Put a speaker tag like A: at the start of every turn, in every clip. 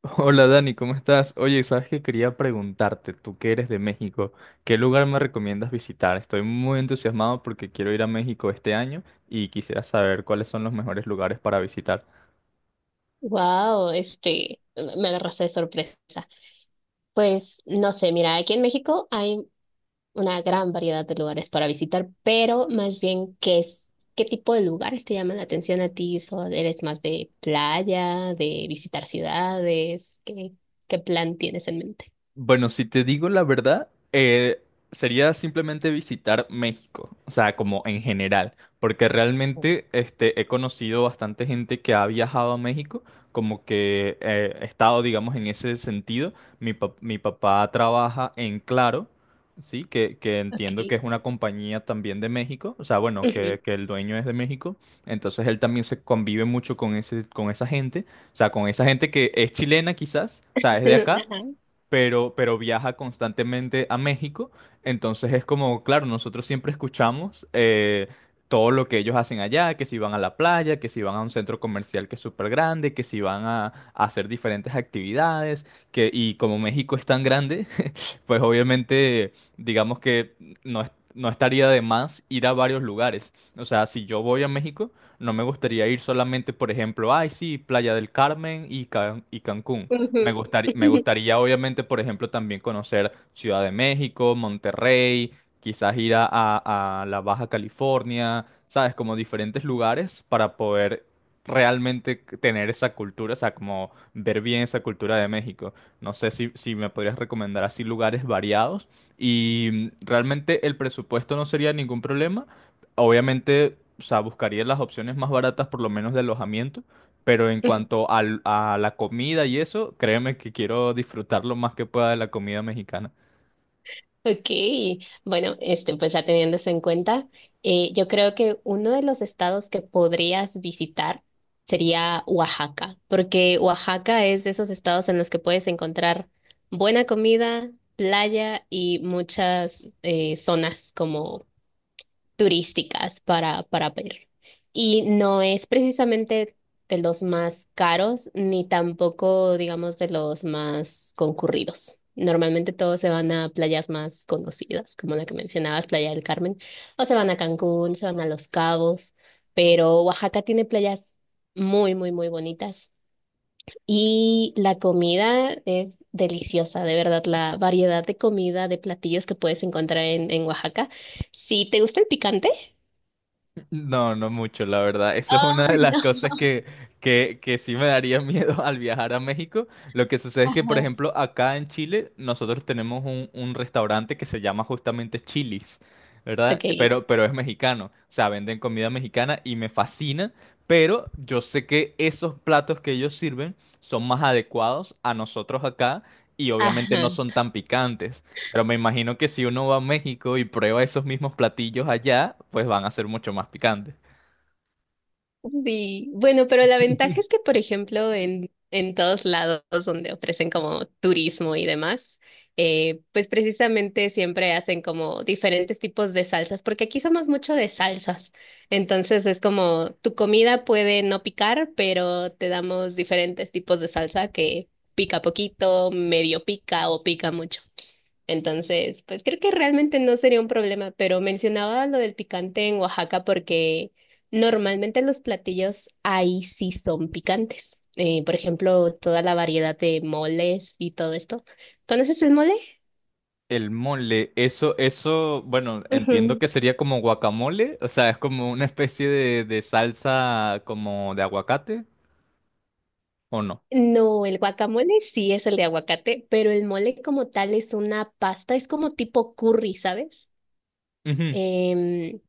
A: Hola Dani, ¿cómo estás? Oye, sabes que quería preguntarte, tú que eres de México, ¿qué lugar me recomiendas visitar? Estoy muy entusiasmado porque quiero ir a México este año y quisiera saber cuáles son los mejores lugares para visitar.
B: Me agarraste de sorpresa. Pues no sé, mira, aquí en México hay una gran variedad de lugares para visitar, pero más bien, ¿qué tipo de lugares te llaman la atención a ti? ¿Eres más de playa, de visitar ciudades? ¿Qué plan tienes en mente?
A: Bueno, si te digo la verdad, sería simplemente visitar México, o sea, como en general, porque realmente este, he conocido bastante gente que ha viajado a México, como que he estado, digamos, en ese sentido. Mi papá trabaja en Claro, ¿sí? Que entiendo que
B: Okay.
A: es una compañía también de México, o sea, bueno,
B: Ujú.
A: que el dueño es de México, entonces él también se convive mucho con ese, con esa gente, o sea, con esa gente que es chilena quizás, o sea, es de acá
B: Ajá.
A: pero viaja constantemente a México. Entonces es como, claro, nosotros siempre escuchamos todo lo que ellos hacen allá, que si van a la playa, que si van a un centro comercial que es súper grande, que si van a hacer diferentes actividades, que, y como México es tan grande, pues obviamente digamos que no, no estaría de más ir a varios lugares. O sea, si yo voy a México, no me gustaría ir solamente, por ejemplo, ay, sí, Playa del Carmen y Cancún.
B: Ujú.
A: Me gustaría obviamente, por ejemplo, también conocer Ciudad de México, Monterrey, quizás ir a la Baja California, ¿sabes? Como diferentes lugares para poder realmente tener esa cultura, o sea, como ver bien esa cultura de México. No sé si me podrías recomendar así lugares variados. Y realmente el presupuesto no sería ningún problema. Obviamente, o sea, buscaría las opciones más baratas, por lo menos de alojamiento. Pero en cuanto a la comida y eso, créeme que quiero disfrutar lo más que pueda de la comida mexicana.
B: Ok, bueno, pues ya teniendo eso en cuenta, yo creo que uno de los estados que podrías visitar sería Oaxaca, porque Oaxaca es de esos estados en los que puedes encontrar buena comida, playa y muchas zonas como turísticas para ver. Y no es precisamente de los más caros, ni tampoco, digamos, de los más concurridos. Normalmente todos se van a playas más conocidas, como la que mencionabas, Playa del Carmen, o se van a Cancún, se van a Los Cabos, pero Oaxaca tiene playas muy, muy, muy bonitas. Y la comida es deliciosa, de verdad, la variedad de comida, de platillos que puedes encontrar en Oaxaca. Si te gusta el picante,
A: No, no mucho, la verdad. Eso es una
B: ah,
A: de las
B: no.
A: cosas que, que sí me daría miedo al viajar a México. Lo que sucede es que, por
B: Ajá.
A: ejemplo, acá en Chile nosotros tenemos un restaurante que se llama justamente Chili's, ¿verdad?
B: Ok.
A: Pero es mexicano. O sea, venden comida mexicana y me fascina, pero yo sé que esos platos que ellos sirven son más adecuados a nosotros acá y obviamente no
B: Ajá.
A: son tan picantes. Pero me imagino que si uno va a México y prueba esos mismos platillos allá, pues van a ser mucho más picantes.
B: Sí. Bueno, pero la ventaja es que, por ejemplo, en todos lados donde ofrecen como turismo y demás, pues precisamente siempre hacen como diferentes tipos de salsas, porque aquí somos mucho de salsas. Entonces es como tu comida puede no picar, pero te damos diferentes tipos de salsa que pica poquito, medio pica o pica mucho. Entonces, pues creo que realmente no sería un problema, pero mencionaba lo del picante en Oaxaca porque normalmente los platillos ahí sí son picantes. Por ejemplo, toda la variedad de moles y todo esto. ¿Conoces el mole?
A: El mole, eso, bueno, entiendo
B: Ujú.
A: que sería como guacamole, o sea, es como una especie de salsa como de aguacate, ¿o no?
B: No, el guacamole sí es el de aguacate, pero el mole como tal es una pasta, es como tipo curry, ¿sabes?
A: Ujú.
B: Em,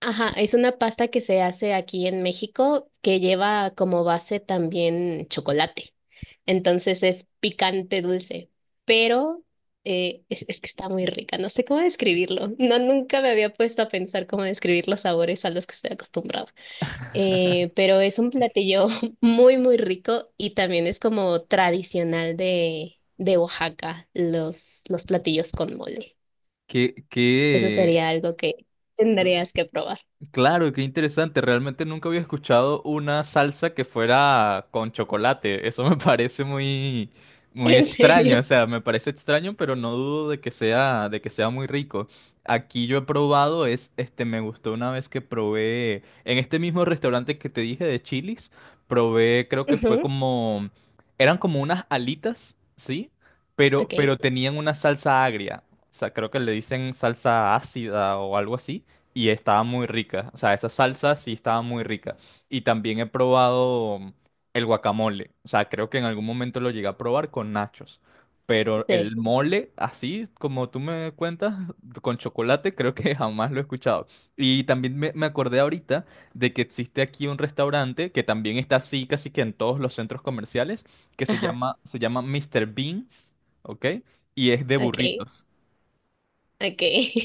B: Ajá, es una pasta que se hace aquí en México que lleva como base también chocolate. Entonces es picante dulce, pero es que está muy rica. No sé cómo describirlo. No, nunca me había puesto a pensar cómo describir los sabores a los que estoy acostumbrada. Pero es un platillo muy, muy rico y también es como tradicional de Oaxaca, los platillos con mole.
A: ¿Qué,
B: Eso
A: qué?
B: sería algo que tendrías que probar.
A: Claro, qué interesante. Realmente nunca había escuchado una salsa que fuera con chocolate. Eso me parece muy, muy
B: ¿En
A: extraño. O
B: serio?
A: sea, me parece extraño, pero no dudo de que sea muy rico. Aquí yo he probado, me gustó una vez que probé en este mismo restaurante que te dije de Chili's, probé, creo que fue
B: Ujú.
A: como, eran como unas alitas, ¿sí? Pero,
B: Ok,
A: pero tenían una salsa agria. O sea, creo que le dicen salsa ácida o algo así y estaba muy rica. O sea, esa salsa sí estaba muy rica. Y también he probado el guacamole. O sea, creo que en algún momento lo llegué a probar con nachos. Pero
B: sí,
A: el mole, así como tú me cuentas, con chocolate, creo que jamás lo he escuchado. Y también me acordé ahorita de que existe aquí un restaurante que también está así casi que en todos los centros comerciales, que se
B: ajá,
A: llama, se llama Mr. Beans, ¿ok? Y es de
B: ok,
A: burritos.
B: ok.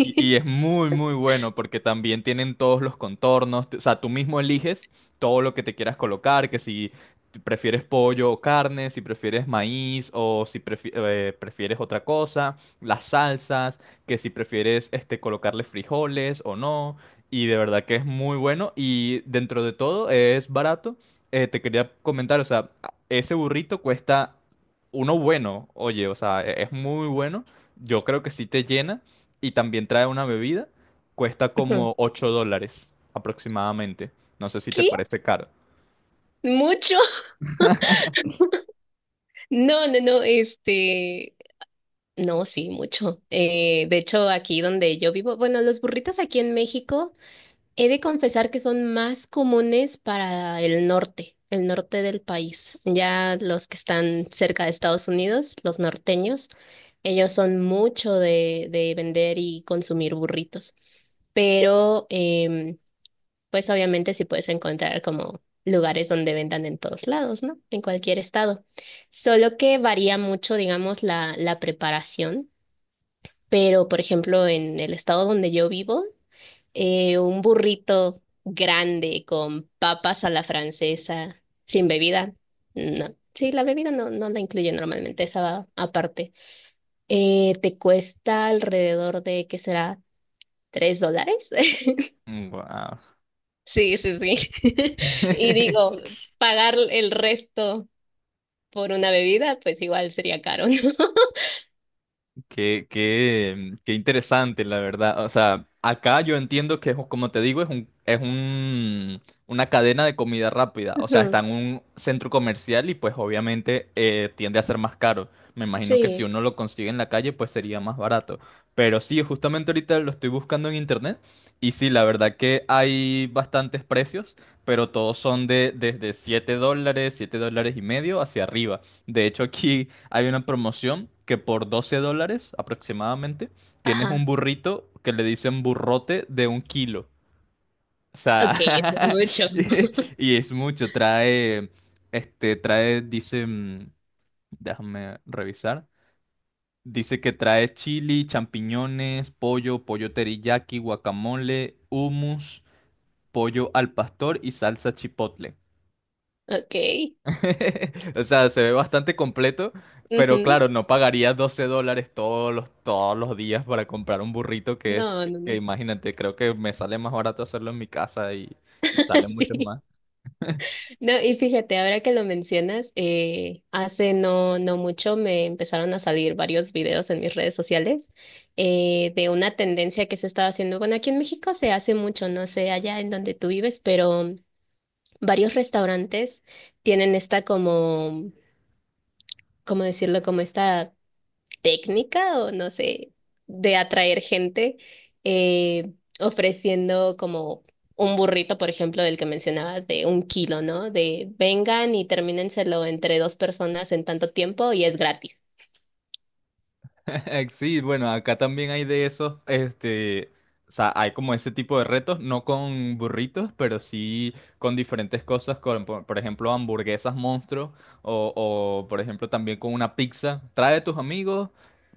A: Y es muy, muy bueno porque también tienen todos los contornos. O sea, tú mismo eliges todo lo que te quieras colocar, que si prefieres pollo o carne, si prefieres maíz o si prefieres otra cosa, las salsas, que si prefieres este, colocarle frijoles o no. Y de verdad que es muy bueno y dentro de todo es barato. Te quería comentar, o sea, ese burrito cuesta uno bueno, oye, o sea, es muy bueno. Yo creo que sí te llena y también trae una bebida, cuesta
B: Ujú.
A: como $8 aproximadamente. No sé si te
B: ¿Qué?
A: parece caro.
B: ¿Mucho? No, no, no, no, sí, mucho. De hecho, aquí donde yo vivo, bueno, los burritos aquí en México, he de confesar que son más comunes para el norte del país. Ya los que están cerca de Estados Unidos, los norteños, ellos son mucho de vender y consumir burritos. Pero pues obviamente sí puedes encontrar como lugares donde vendan en todos lados, ¿no? En cualquier estado. Solo que varía mucho, digamos, la preparación, pero por ejemplo, en el estado donde yo vivo, un burrito grande con papas a la francesa, sin bebida, no. Sí, la bebida no, no la incluye normalmente, esa va aparte. Te cuesta alrededor de, ¿qué será? ¿$3?
A: Mm, wow.
B: Sí, sí, sí. Y digo, pagar el resto por una bebida, pues igual sería caro, ¿no?
A: Qué interesante, la verdad. O sea, acá yo entiendo que, es, como te digo, una cadena de comida rápida. O sea, está
B: Ujú.
A: en un centro comercial y pues obviamente tiende a ser más caro. Me imagino que si
B: Sí,
A: uno lo consigue en la calle, pues sería más barato. Pero sí, justamente ahorita lo estoy buscando en internet. Y sí, la verdad que hay bastantes precios, pero todos son de desde $7, $7.50 hacia arriba. De hecho, aquí hay una promoción que por $12 aproximadamente tienes un
B: ajá.
A: burrito que le dicen burrote de un kilo. O
B: Ok, eso es
A: sea,
B: mucho.
A: y, y es mucho. Trae, dice, déjame revisar. Dice que trae chili, champiñones, pollo, pollo teriyaki, guacamole, hummus, pollo al pastor y salsa chipotle.
B: Ok.
A: O sea, se ve bastante completo, pero
B: Ujú.
A: claro, no pagaría $12 todos los días para comprar un burrito que es,
B: No, no,
A: que
B: no.
A: imagínate, creo que me sale más barato hacerlo en mi casa y sale mucho
B: Sí.
A: más.
B: No, y fíjate, ahora que lo mencionas, hace no, no mucho me empezaron a salir varios videos en mis redes sociales de una tendencia que se estaba haciendo. Bueno, aquí en México se hace mucho, no sé allá en donde tú vives, pero varios restaurantes tienen esta como, ¿cómo decirlo? Como esta técnica o no sé, de atraer gente eh, ofreciendo como un burrito, por ejemplo, del que mencionabas, de 1 kilo, ¿no? De vengan y termínenselo entre dos personas en tanto tiempo y es gratis.
A: Sí, bueno, acá también hay de esos, este, o sea, hay como ese tipo de retos, no con burritos, pero sí con diferentes cosas, con, por ejemplo, hamburguesas monstruo o, por ejemplo, también con una pizza. Trae a tus amigos,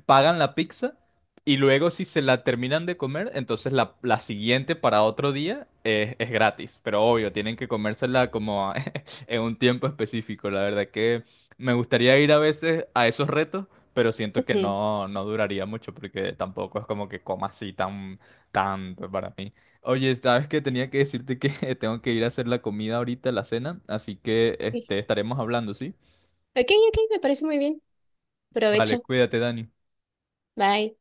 A: pagan la pizza y luego si se la terminan de comer, entonces la siguiente para otro día es gratis, pero obvio, tienen que comérsela como en un tiempo específico. La verdad que me gustaría ir a veces a esos retos pero siento que no, no duraría mucho porque tampoco es como que coma así tan tanto para mí. Oye, sabes que tenía que decirte que tengo que ir a hacer la comida ahorita, la cena, así que este, estaremos hablando, ¿sí?
B: Ok, ok, me parece muy bien.
A: Vale,
B: Provecho.
A: cuídate, Dani.
B: Bye.